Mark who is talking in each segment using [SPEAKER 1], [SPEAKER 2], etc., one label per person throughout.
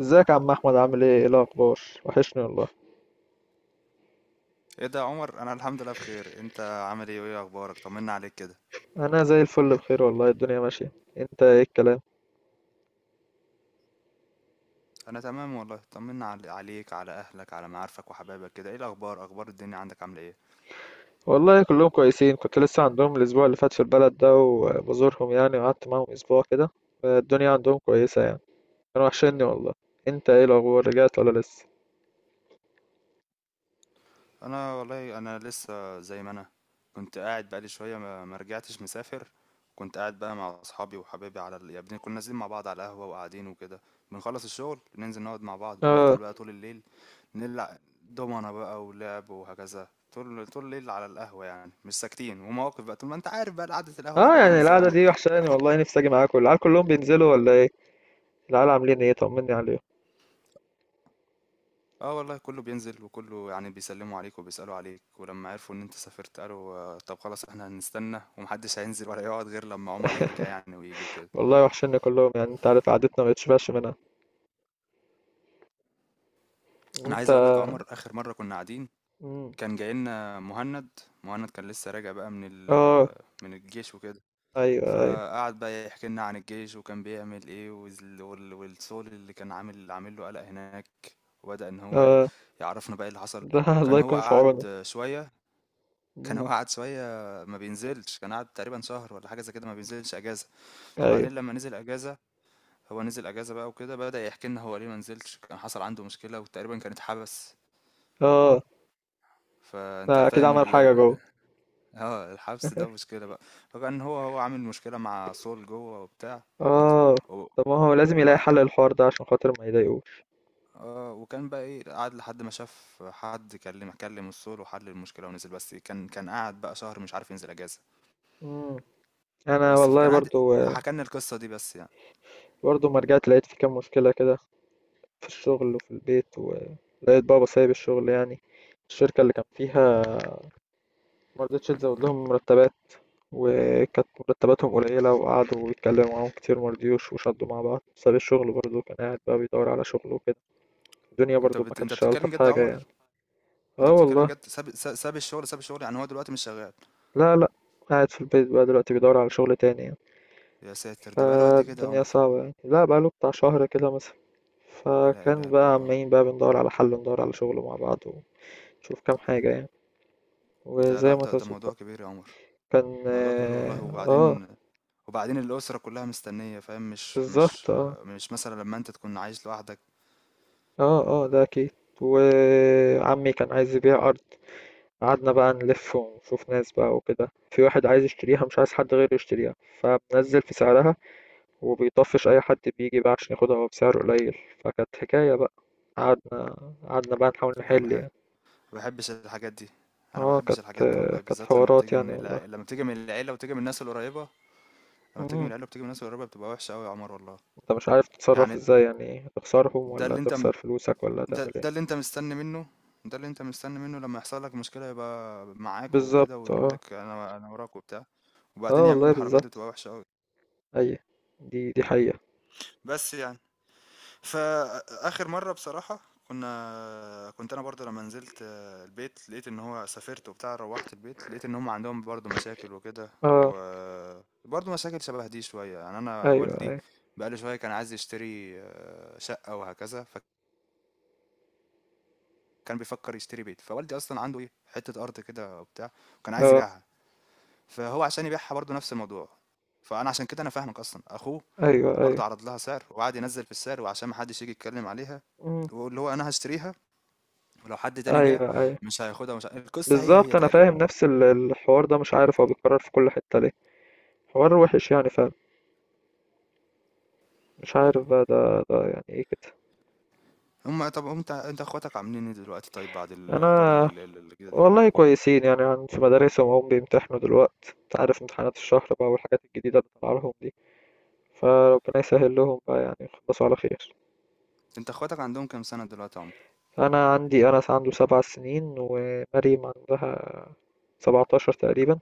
[SPEAKER 1] ازيك يا عم احمد؟ عامل ايه الاخبار؟ وحشني والله.
[SPEAKER 2] ايه ده يا عمر؟ انا الحمد لله بخير، انت عامل ايه وايه اخبارك؟ طمنا عليك كده.
[SPEAKER 1] انا زي الفل، بخير والله، الدنيا ماشيه. انت ايه الكلام؟
[SPEAKER 2] انا تمام والله، طمنا عليك، على اهلك، على معارفك وحبايبك كده. ايه الاخبار؟ اخبار الدنيا عندك عامله ايه؟
[SPEAKER 1] والله كلهم كويسين، كنت لسه عندهم الاسبوع اللي فات في البلد ده وبزورهم يعني، وقعدت معاهم اسبوع كده. الدنيا عندهم كويسه يعني، كانوا وحشني والله. انت ايه الاخبار؟ رجعت ولا لسه؟
[SPEAKER 2] انا والله لسه زي ما انا. كنت قاعد بقالي شويه، ما رجعتش، مسافر. كنت قاعد بقى مع اصحابي وحبايبي يعني كنا نازلين مع بعض على القهوه وقاعدين وكده. بنخلص الشغل ننزل نقعد مع بعض، بنفضل
[SPEAKER 1] اه
[SPEAKER 2] بقى طول الليل، نلعب دومنا بقى ولعب وهكذا طول طول الليل على القهوه، يعني مش ساكتين ومواقف بقى طول ما انت عارف بقى، قعده القهوه
[SPEAKER 1] اه،
[SPEAKER 2] بتبقى عامله
[SPEAKER 1] يعني
[SPEAKER 2] ازاي يا
[SPEAKER 1] القعده
[SPEAKER 2] عمر؟
[SPEAKER 1] دي وحشاني والله، نفسي اجي معاكم. العيال كلهم بينزلوا ولا ايه؟ العيال عاملين ايه؟ طمني عليهم.
[SPEAKER 2] آه والله، كله بينزل وكله يعني بيسلموا عليك وبيسألوا عليك، ولما عرفوا إن أنت سافرت قالوا آه، طب خلاص، إحنا هنستنى، ومحدش هينزل ولا يقعد غير لما عمر يرجع يعني ويجي وكده.
[SPEAKER 1] والله وحشني كلهم، يعني انت عارف قعدتنا ما بتشبعش منها.
[SPEAKER 2] أنا
[SPEAKER 1] انت.
[SPEAKER 2] عايز أقول لك عمر، آخر مرة كنا قاعدين،
[SPEAKER 1] مم.
[SPEAKER 2] كان جاي لنا مهند. مهند كان لسه راجع بقى من
[SPEAKER 1] اه،
[SPEAKER 2] ال من الجيش وكده،
[SPEAKER 1] ايوه ايوه.
[SPEAKER 2] فقعد بقى يحكي لنا عن الجيش وكان بيعمل إيه، والصول اللي كان عامل له قلق هناك، وبدأ إن هو
[SPEAKER 1] اه،
[SPEAKER 2] يعرفنا بقى إيه اللي حصل.
[SPEAKER 1] ده الله
[SPEAKER 2] كان هو
[SPEAKER 1] يكون في عونه.
[SPEAKER 2] قعد شوية كان هو
[SPEAKER 1] مم.
[SPEAKER 2] قعد شوية ما بينزلش، كان قعد تقريبًا شهر والّا حاجة زي كده، ما بينزلش أجازة،
[SPEAKER 1] ايوه.
[SPEAKER 2] فبعدين لمّا نزل أجازة، هو نزل أجازة بقى وكده، بدأ يحكي لنا هو ليه ما نزلش، كان حصل عنده مشكلة وتقريبًا كان اتحبس،
[SPEAKER 1] اه،
[SPEAKER 2] فأنت
[SPEAKER 1] ده اكيد
[SPEAKER 2] فاهم
[SPEAKER 1] عمل
[SPEAKER 2] ال
[SPEAKER 1] حاجه
[SPEAKER 2] ال
[SPEAKER 1] جوه.
[SPEAKER 2] آه، الحبس ده مشكلة بقى، فكان هو عامل مشكلة مع سول جوّه وبتاع،
[SPEAKER 1] اه،
[SPEAKER 2] و
[SPEAKER 1] طب ما هو لازم يلاقي
[SPEAKER 2] وبقى
[SPEAKER 1] حل للحوار ده عشان خاطر ما يضايقوش.
[SPEAKER 2] آه، وكان بقى إيه، قعد لحد ما شاف حد كلم السول وحل المشكلة ونزل، بس كان قعد بقى شهر مش عارف ينزل أجازة،
[SPEAKER 1] مم. انا
[SPEAKER 2] بس
[SPEAKER 1] والله
[SPEAKER 2] فكان قاعد
[SPEAKER 1] برضو،
[SPEAKER 2] حكى لنا القصة دي بس يعني.
[SPEAKER 1] برضو ما رجعت لقيت في كام مشكله كده، في الشغل وفي البيت. ولقيت بابا سايب الشغل يعني، الشركه اللي كان فيها ما رضتش تزود لهم مرتبات، وكانت مرتباتهم قليله وقعدوا يتكلموا معاهم كتير ما رضيوش وشدوا مع بعض، ساب الشغل. برضو كان قاعد بقى بيدور على شغل وكده، الدنيا برضو ما
[SPEAKER 2] انت
[SPEAKER 1] كانتش
[SPEAKER 2] بتتكلم
[SPEAKER 1] الطف
[SPEAKER 2] جد يا
[SPEAKER 1] حاجه يعني.
[SPEAKER 2] عمر؟ انت
[SPEAKER 1] اه
[SPEAKER 2] بتتكلم
[SPEAKER 1] والله.
[SPEAKER 2] جد، ساب الشغل يعني؟ هو دلوقتي مش شغال؟
[SPEAKER 1] لا لا، قاعد في البيت بقى دلوقتي، بيدور على شغل تاني يعني.
[SPEAKER 2] يا ساتر، ده بقاله قد كده يا
[SPEAKER 1] فالدنيا
[SPEAKER 2] عمر؟
[SPEAKER 1] صعبة يعني، لا بقاله بتاع شهر كده مثلا.
[SPEAKER 2] لا
[SPEAKER 1] فكان
[SPEAKER 2] اله الا
[SPEAKER 1] بقى
[SPEAKER 2] الله.
[SPEAKER 1] عمالين بقى بندور على حل وندور على شغل مع بعض، ونشوف كام حاجة يعني،
[SPEAKER 2] ده لا
[SPEAKER 1] وزي ما
[SPEAKER 2] ده ده
[SPEAKER 1] تظبط
[SPEAKER 2] موضوع
[SPEAKER 1] بقى.
[SPEAKER 2] كبير يا عمر،
[SPEAKER 1] كان
[SPEAKER 2] موضوع كبير والله.
[SPEAKER 1] اه آه،
[SPEAKER 2] وبعدين الأسرة كلها مستنية، فاهم؟ مش
[SPEAKER 1] بالظبط
[SPEAKER 2] مش
[SPEAKER 1] اه.
[SPEAKER 2] مش مثلا لما انت تكون عايش لوحدك.
[SPEAKER 1] اه، اه ده اكيد. وعمي كان عايز يبيع أرض. قعدنا بقى نلف ونشوف ناس بقى وكده، في واحد عايز يشتريها مش عايز حد غيره يشتريها، فبنزل في سعرها وبيطفش اي حد بيجي بقى عشان ياخدها هو بسعر قليل. فكانت حكايه بقى. قعدنا، قعدنا بقى نحاول
[SPEAKER 2] لا
[SPEAKER 1] نحل
[SPEAKER 2] بحب
[SPEAKER 1] يعني.
[SPEAKER 2] بحبش الحاجات دي، انا
[SPEAKER 1] اه،
[SPEAKER 2] بحبش
[SPEAKER 1] كانت،
[SPEAKER 2] الحاجات دي والله،
[SPEAKER 1] كانت
[SPEAKER 2] بالذات لما
[SPEAKER 1] حوارات
[SPEAKER 2] بتيجي
[SPEAKER 1] يعني والله.
[SPEAKER 2] لما بتيجي من العيلة وتيجي من الناس القريبة، لما بتيجي من
[SPEAKER 1] مم.
[SPEAKER 2] العيلة وبتيجي من الناس القريبة بتبقى وحشة قوي يا عمر والله.
[SPEAKER 1] انت مش عارف تتصرف
[SPEAKER 2] يعني
[SPEAKER 1] ازاي يعني، تخسرهم
[SPEAKER 2] ده
[SPEAKER 1] ولا
[SPEAKER 2] اللي انت
[SPEAKER 1] تخسر فلوسك ولا
[SPEAKER 2] ده
[SPEAKER 1] تعمل ايه؟
[SPEAKER 2] ده اللي انت مستني منه، ده اللي انت مستني منه لما يحصل لك مشكلة يبقى معاك وكده،
[SPEAKER 1] بالظبط
[SPEAKER 2] ويقول
[SPEAKER 1] اه.
[SPEAKER 2] لك انا وراك وبتاع،
[SPEAKER 1] اه
[SPEAKER 2] وبعدين يعملوا
[SPEAKER 1] والله
[SPEAKER 2] الحركات دي،
[SPEAKER 1] بالظبط.
[SPEAKER 2] بتبقى وحشة قوي.
[SPEAKER 1] اي، دي حقيقة.
[SPEAKER 2] بس يعني، فاخر مرة بصراحة، كنت انا برضه لما نزلت البيت، لقيت ان هو سافرت وبتاع، روحت البيت لقيت ان هم عندهم برضه مشاكل وكده،
[SPEAKER 1] اه،
[SPEAKER 2] وبرضه مشاكل شبه دي شوية، يعني انا
[SPEAKER 1] ايوه
[SPEAKER 2] والدي
[SPEAKER 1] ايوه.
[SPEAKER 2] بقاله شوية كان عايز يشتري شقة وهكذا، كان بيفكر يشتري بيت. فوالدي اصلا عنده ايه، حته ارض كده وبتاع، وكان عايز
[SPEAKER 1] اه،
[SPEAKER 2] يبيعها، فهو عشان يبيعها برضه نفس الموضوع، فانا عشان كده انا فاهمك. اصلا اخوه
[SPEAKER 1] ايوه ايوه.
[SPEAKER 2] برضه عرض لها سعر وقعد ينزل في السعر وعشان ما حدش يجي يتكلم عليها،
[SPEAKER 1] مم.
[SPEAKER 2] واللي هو انا هشتريها، ولو حد تاني جه
[SPEAKER 1] ايوه ايوه.
[SPEAKER 2] مش هياخدها، مش ه... القصه هي هي
[SPEAKER 1] بالظبط انا
[SPEAKER 2] تقريبا.
[SPEAKER 1] فاهم نفس الحوار ده، مش عارف هو بيتكرر في كل حتة ليه. حوار وحش يعني، فاهم؟ مش عارف بقى، ده يعني ايه كده.
[SPEAKER 2] هم طب، انت اخواتك عاملين ايه دلوقتي، طيب، بعد الاخبار
[SPEAKER 1] انا
[SPEAKER 2] اللي كده دي؟
[SPEAKER 1] والله كويسين يعني، عن في مدارسهم وهم بيمتحنوا دلوقتي، انت عارف امتحانات الشهر بقى والحاجات الجديده اللي طالعه لهم دي، فربنا يسهل لهم بقى يعني يخلصوا على خير.
[SPEAKER 2] انت اخواتك عندهم كام سنه دلوقتي يا عمر؟
[SPEAKER 1] انا عندي انس عنده 7 سنين، ومريم عندها 17 تقريبا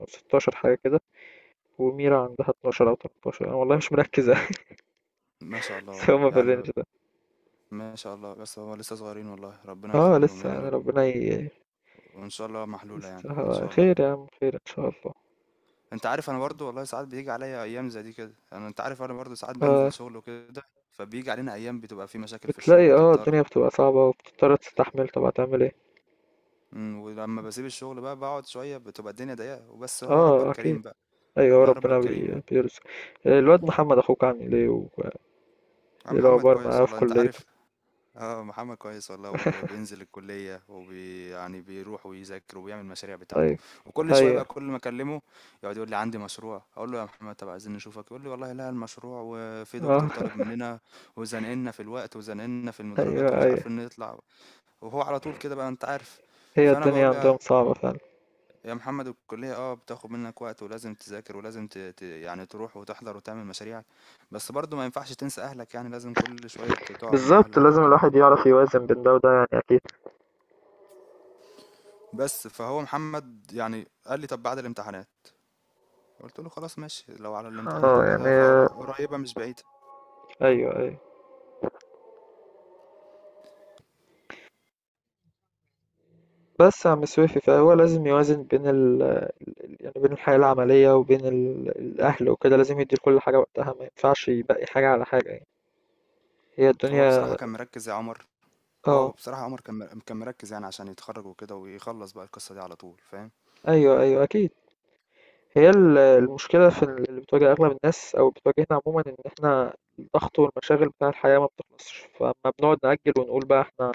[SPEAKER 1] او 16 حاجه كده، وميرا عندها 12 او 13، انا والله مش مركز
[SPEAKER 2] ما شاء الله
[SPEAKER 1] بس
[SPEAKER 2] والله،
[SPEAKER 1] هما في الرينج
[SPEAKER 2] يعني
[SPEAKER 1] ده.
[SPEAKER 2] ما شاء الله، بس هو لسه صغيرين والله، ربنا
[SPEAKER 1] اه
[SPEAKER 2] يخليهم
[SPEAKER 1] لسه يعني،
[SPEAKER 2] يعني،
[SPEAKER 1] ربنا
[SPEAKER 2] وان شاء الله محلولة يعني ان
[SPEAKER 1] يسترها
[SPEAKER 2] شاء الله.
[SPEAKER 1] خير يا عم، خير ان شاء الله.
[SPEAKER 2] انت عارف انا برضو والله، ساعات بيجي عليا ايام زي دي كده، انا انت عارف انا برضو ساعات بنزل
[SPEAKER 1] آه.
[SPEAKER 2] شغل وكده، فبيجي علينا ايام بتبقى في مشاكل في الشغل
[SPEAKER 1] بتلاقي اه الدنيا
[SPEAKER 2] وتضطر.
[SPEAKER 1] بتبقى صعبه وبتضطر تستحمل، طب هتعمل ايه؟
[SPEAKER 2] ولما بسيب الشغل بقى بقعد شوية بتبقى الدنيا ضيقة، وبس هو ربك
[SPEAKER 1] اه اكيد.
[SPEAKER 2] كريم بقى،
[SPEAKER 1] ايوه
[SPEAKER 2] والله ربك
[SPEAKER 1] ربنا
[SPEAKER 2] كريم يعني.
[SPEAKER 1] بيرزق. آه، الواد محمد اخوك عامل ايه
[SPEAKER 2] يا
[SPEAKER 1] ايه
[SPEAKER 2] محمد
[SPEAKER 1] الاخبار
[SPEAKER 2] كويس
[SPEAKER 1] معاه في
[SPEAKER 2] والله انت
[SPEAKER 1] كليته؟
[SPEAKER 2] عارف، آه محمد كويس والله، وبينزل الكلية يعني بيروح ويذاكر وبيعمل المشاريع بتاعته،
[SPEAKER 1] طيب.
[SPEAKER 2] وكل شوية
[SPEAKER 1] ايوه.
[SPEAKER 2] بقى كل ما أكلمه يقعد يقول لي عندي مشروع، أقول له يا محمد طب عايزين نشوفك، يقول لي والله لا المشروع وفي
[SPEAKER 1] اه
[SPEAKER 2] دكتور طالب مننا وزنقلنا في الوقت وزنقلنا في
[SPEAKER 1] ايوه
[SPEAKER 2] المدرجات ومش
[SPEAKER 1] ايوه.
[SPEAKER 2] عارفين نطلع، وهو على طول كده بقى أنت عارف.
[SPEAKER 1] هي
[SPEAKER 2] فأنا
[SPEAKER 1] الدنيا
[SPEAKER 2] بقول له
[SPEAKER 1] عندهم صعبة فعلا.
[SPEAKER 2] يا محمد، الكلية بتاخد منك وقت ولازم تذاكر ولازم يعني تروح وتحضر وتعمل مشاريعك، بس برضه ما ينفعش تنسى أهلك يعني، لازم كل شوية تقعد مع
[SPEAKER 1] بالظبط،
[SPEAKER 2] أهلك
[SPEAKER 1] لازم
[SPEAKER 2] والكلام
[SPEAKER 1] الواحد
[SPEAKER 2] ده.
[SPEAKER 1] يعرف يوازن بين ده وده يعني اكيد.
[SPEAKER 2] بس فهو محمد يعني قال لي طب بعد الامتحانات، قلت له خلاص ماشي، لو على الامتحانات
[SPEAKER 1] اه يعني.
[SPEAKER 2] وكده فقريبة مش بعيدة.
[SPEAKER 1] ايوه ايوه. بس يا عم سويفي، فهو لازم يوازن بين يعني بين الحياة العملية وبين الأهل وكده، لازم يدي لكل حاجة وقتها، ما ينفعش يبقي حاجة على حاجة يعني. هي
[SPEAKER 2] هو
[SPEAKER 1] الدنيا.
[SPEAKER 2] بصراحة كان مركز يا عمر، هو
[SPEAKER 1] اه،
[SPEAKER 2] بصراحة عمر كان كان مركز يعني عشان يتخرج وكده ويخلص بقى القصة دي على طول، فاهم؟
[SPEAKER 1] ايوه ايوه اكيد. هي المشكلة في اللي بتواجه أغلب الناس أو بتواجهنا عموما، إن إحنا الضغط والمشاغل بتاع الحياة ما بتخلصش، فما بنقعد نأجل ونقول بقى إحنا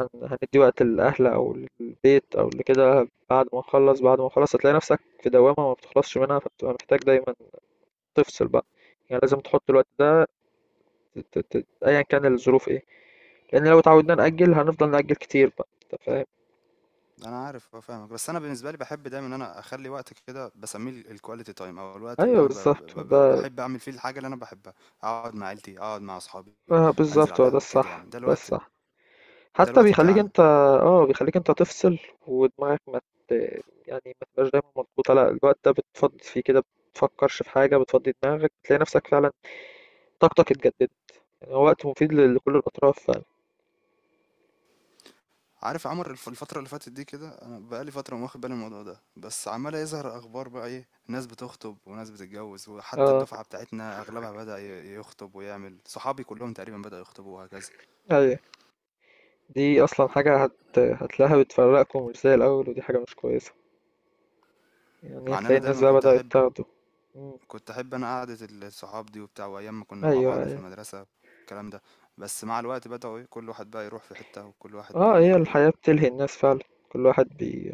[SPEAKER 1] هندي وقت للأهل أو للبيت أو لكده بعد ما نخلص. بعد ما نخلص هتلاقي نفسك في دوامة ما بتخلصش منها، فبتبقى محتاج دايما تفصل بقى. يعني لازم تحط الوقت ده، أيا كان الظروف إيه، لأن لو اتعودنا نأجل هنفضل نأجل كتير بقى، أنت فاهم.
[SPEAKER 2] انا عارف فاهمك، بس انا بالنسبة لي بحب دايما ان انا اخلي وقت كده بسميه الكواليتي تايم، او الوقت اللي
[SPEAKER 1] أيوه
[SPEAKER 2] انا
[SPEAKER 1] بالظبط ده.
[SPEAKER 2] بحب اعمل فيه الحاجة اللي انا بحبها، اقعد مع عيلتي، اقعد مع اصحابي،
[SPEAKER 1] آه
[SPEAKER 2] انزل
[SPEAKER 1] بالظبط،
[SPEAKER 2] على
[SPEAKER 1] هو ده
[SPEAKER 2] القهوة كده،
[SPEAKER 1] الصح،
[SPEAKER 2] يعني ده
[SPEAKER 1] ده
[SPEAKER 2] الوقت
[SPEAKER 1] الصح.
[SPEAKER 2] ده
[SPEAKER 1] حتى
[SPEAKER 2] الوقت
[SPEAKER 1] بيخليك
[SPEAKER 2] بتاعنا.
[SPEAKER 1] انت. اه بيخليك انت تفصل، ودماغك ما ت... يعني ما تبقاش دايما مضغوطة، لا الوقت ده بتفضي فيه كده، بتفكرش في حاجة، بتفضي دماغك، بتلاقي نفسك فعلا طاقتك اتجددت، يعني هو وقت مفيد لكل الأطراف فعلا.
[SPEAKER 2] عارف عمر الفترة اللي فاتت دي كده، انا بقالي فترة ما واخد بالي من الموضوع ده، بس عمال يظهر اخبار بقى، ايه، ناس بتخطب وناس بتتجوز، وحتى
[SPEAKER 1] اه
[SPEAKER 2] الدفعة بتاعتنا اغلبها بدأ يخطب ويعمل، صحابي كلهم تقريبا بدأوا يخطبوا وهكذا،
[SPEAKER 1] ايوه. دي أصلا حاجة هتلاقيها بتفرقكم مش زي الأول، ودي حاجة مش كويسة، يعني
[SPEAKER 2] مع ان
[SPEAKER 1] هتلاقي
[SPEAKER 2] انا
[SPEAKER 1] الناس
[SPEAKER 2] دايما
[SPEAKER 1] بقى
[SPEAKER 2] كنت
[SPEAKER 1] بدأت
[SPEAKER 2] احب
[SPEAKER 1] تاخده. مم.
[SPEAKER 2] كنت احب انا قعدة الصحاب دي وبتاع، وايام ما كنا مع
[SPEAKER 1] أيوه
[SPEAKER 2] بعض في
[SPEAKER 1] أيوه.
[SPEAKER 2] المدرسة الكلام ده، بس مع الوقت بدأوا ايه، كل واحد بقى يروح في حتة، وكل واحد
[SPEAKER 1] اه، هي الحياة بتلهي الناس فعلا، كل واحد بي.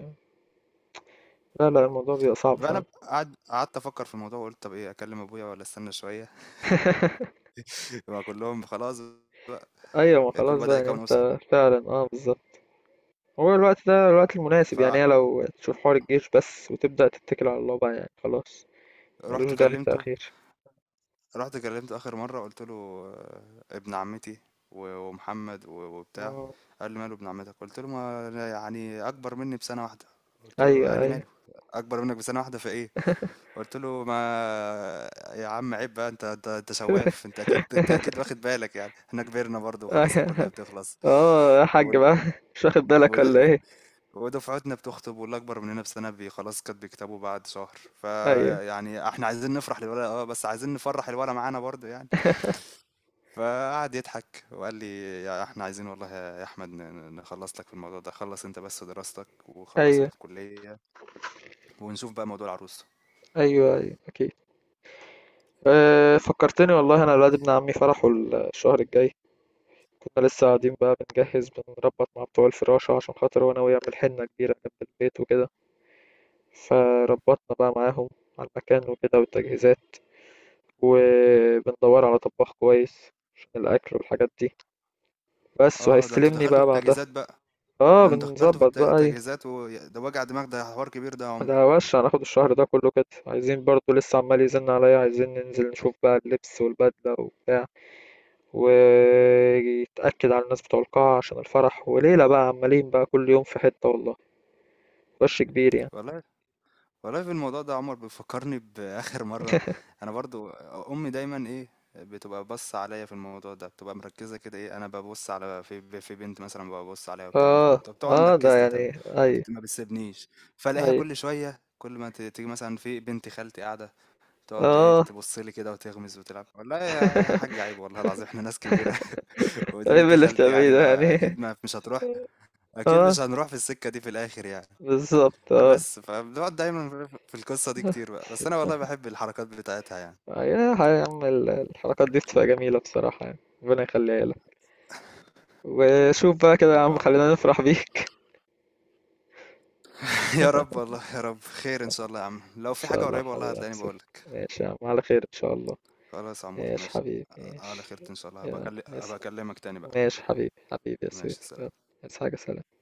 [SPEAKER 1] لا لا، الموضوع بيبقى صعب
[SPEAKER 2] بقى.
[SPEAKER 1] فعلا.
[SPEAKER 2] انا قعدت افكر في الموضوع وقلت طب ايه، اكلم ابويا ولا استنى شوية؟ يبقى كلهم خلاص بقى،
[SPEAKER 1] ايوه، ما
[SPEAKER 2] كل
[SPEAKER 1] خلاص بقى،
[SPEAKER 2] بدأ
[SPEAKER 1] يعني
[SPEAKER 2] يكون أسرة،
[SPEAKER 1] انت فعلا اه بالظبط. هو الوقت ده الوقت المناسب
[SPEAKER 2] ف
[SPEAKER 1] يعني، هي لو تشوف حوار الجيش بس وتبدأ تتكل على الله بقى يعني خلاص، ملوش
[SPEAKER 2] رُحت
[SPEAKER 1] داعي
[SPEAKER 2] كلّمته.
[SPEAKER 1] التأخير.
[SPEAKER 2] رُحت كلّمته آخر مرّة، قُلت له ابن عمّتي ومحمد وبتاع،
[SPEAKER 1] مم.
[SPEAKER 2] قال لي: "ماله ابن عمّتك؟" قُلت له: "ما أنا يعني أكبر منّي بسَنة واحدة." قُلت له
[SPEAKER 1] أيوه
[SPEAKER 2] قال لي:
[SPEAKER 1] أيوه.
[SPEAKER 2] "ماله، أكبر منّك بسَنة واحدة في إيه؟" قُلت له: "ما يا عم عيب بقى، أنت سواف، أنت أكيد واخد بالك يعني، إحنا كبرنا برضه وخلاص الكلّية
[SPEAKER 1] أيوه.
[SPEAKER 2] بتخلص."
[SPEAKER 1] اه يا حاج
[SPEAKER 2] وال
[SPEAKER 1] بقى، مش واخد
[SPEAKER 2] ي
[SPEAKER 1] بالك ولا
[SPEAKER 2] وده
[SPEAKER 1] ايه؟
[SPEAKER 2] ودفعتنا بتخطب، واللي اكبر مننا بسنه خلاص كانت بيكتبوا بعد شهر،
[SPEAKER 1] أيوه
[SPEAKER 2] فيعني احنا عايزين نفرح للولد، بس عايزين نفرح الولد معانا برضه يعني. فقعد يضحك وقال لي يا احنا عايزين والله يا احمد نخلص لك في الموضوع ده، خلص انت بس دراستك وخلص
[SPEAKER 1] أيوه.
[SPEAKER 2] الكليه، ونشوف بقى موضوع العروسه.
[SPEAKER 1] أيوه أيوه أكيد. أه فكرتني والله، أنا الواد ابن عمي فرحه الشهر الجاي، كنا لسه قاعدين بقى بنجهز، بنربط مع بتوع الفراشة عشان خاطر هو ناوي يعمل حنة كبيرة جنب البيت وكده. فربطنا بقى معاهم على المكان وكده والتجهيزات، وبندور على طباخ كويس عشان الأكل والحاجات دي بس،
[SPEAKER 2] اه، ده انتوا
[SPEAKER 1] وهيستلمني
[SPEAKER 2] دخلتوا
[SPEAKER 1] بقى
[SPEAKER 2] في
[SPEAKER 1] بعدها.
[SPEAKER 2] التجهيزات بقى؟
[SPEAKER 1] اه
[SPEAKER 2] ده انتوا دخلتوا في
[SPEAKER 1] بنظبط
[SPEAKER 2] الت-
[SPEAKER 1] بقى ايه.
[SPEAKER 2] التجهيزات وده وجع دماغ، ده حوار كبير ده يا عمر.
[SPEAKER 1] ده وش، هناخد الشهر ده كله كده. عايزين برضو، لسه عمال يزن عليا عايزين ننزل نشوف بقى اللبس والبدلة وبتاع، ويتأكد على الناس بتوع القاعة عشان الفرح وليلة بقى، عمالين بقى كل يوم في حتة والله، وش كبير يعني.
[SPEAKER 2] والله والله، في الموضوع ده يا عمر بيفكرني بآخر مرة، أنا برضو أمي دايما إيه، بتبقى بص عليا في الموضوع ده، بتبقى مركزة كده، إيه، أنا ببص على في بنت مثلا، ببص عليها والكلام ده
[SPEAKER 1] اه،
[SPEAKER 2] طب، بتبقى
[SPEAKER 1] اه ده
[SPEAKER 2] مركزة
[SPEAKER 1] يعني
[SPEAKER 2] تمام،
[SPEAKER 1] اي.
[SPEAKER 2] ما بتسيبنيش، فألاقيها
[SPEAKER 1] اي
[SPEAKER 2] كل شوية كل ما تيجي مثلا في بنت خالتي قاعدة، تقعد إيه،
[SPEAKER 1] اه.
[SPEAKER 2] تبص لي كده وتغمز وتلعب، والله يا حاج عيب، والله العظيم إحنا ناس كبيرة. ودي
[SPEAKER 1] ايه
[SPEAKER 2] بنت
[SPEAKER 1] اللي
[SPEAKER 2] خالتي
[SPEAKER 1] بتعمليه
[SPEAKER 2] يعني،
[SPEAKER 1] ده
[SPEAKER 2] ما
[SPEAKER 1] يعني.
[SPEAKER 2] أكيد ما مش هتروح، أكيد
[SPEAKER 1] اه
[SPEAKER 2] مش هنروح في السكة دي في الآخر يعني.
[SPEAKER 1] بالظبط اه.
[SPEAKER 2] بس فبنقعد دايما في القصة دي كتير بقى، بس انا والله بحب الحركات بتاعتها يعني.
[SPEAKER 1] يا يا عم، الحركات دي بتبقى جميلة بصراحة يعني، ربنا يخليها لك. وشوف بقى كده يا
[SPEAKER 2] حبيبي يا
[SPEAKER 1] عم،
[SPEAKER 2] عمر،
[SPEAKER 1] خلينا نفرح
[SPEAKER 2] حبيبي.
[SPEAKER 1] بيك.
[SPEAKER 2] يا رب، والله يا رب خير ان شاء الله، يا عم لو
[SPEAKER 1] إن
[SPEAKER 2] في
[SPEAKER 1] شاء
[SPEAKER 2] حاجة
[SPEAKER 1] الله
[SPEAKER 2] قريبة والله
[SPEAKER 1] حبيبي يا
[SPEAKER 2] هتلاقيني
[SPEAKER 1] بسف.
[SPEAKER 2] بقولك.
[SPEAKER 1] ماشي يا عم، على خير إن شاء الله.
[SPEAKER 2] خلاص يا عمور،
[SPEAKER 1] ماشي
[SPEAKER 2] ماشي،
[SPEAKER 1] حبيبي،
[SPEAKER 2] على
[SPEAKER 1] ماشي.
[SPEAKER 2] خيرة ان شاء الله، هبقى
[SPEAKER 1] يلا
[SPEAKER 2] أكل-
[SPEAKER 1] عايز.
[SPEAKER 2] هبقى اكلمك تاني بقى.
[SPEAKER 1] ماشي حبيبي، حبيبي يا سيف،
[SPEAKER 2] ماشي سلام.
[SPEAKER 1] يلا عايز حاجة؟ سلام.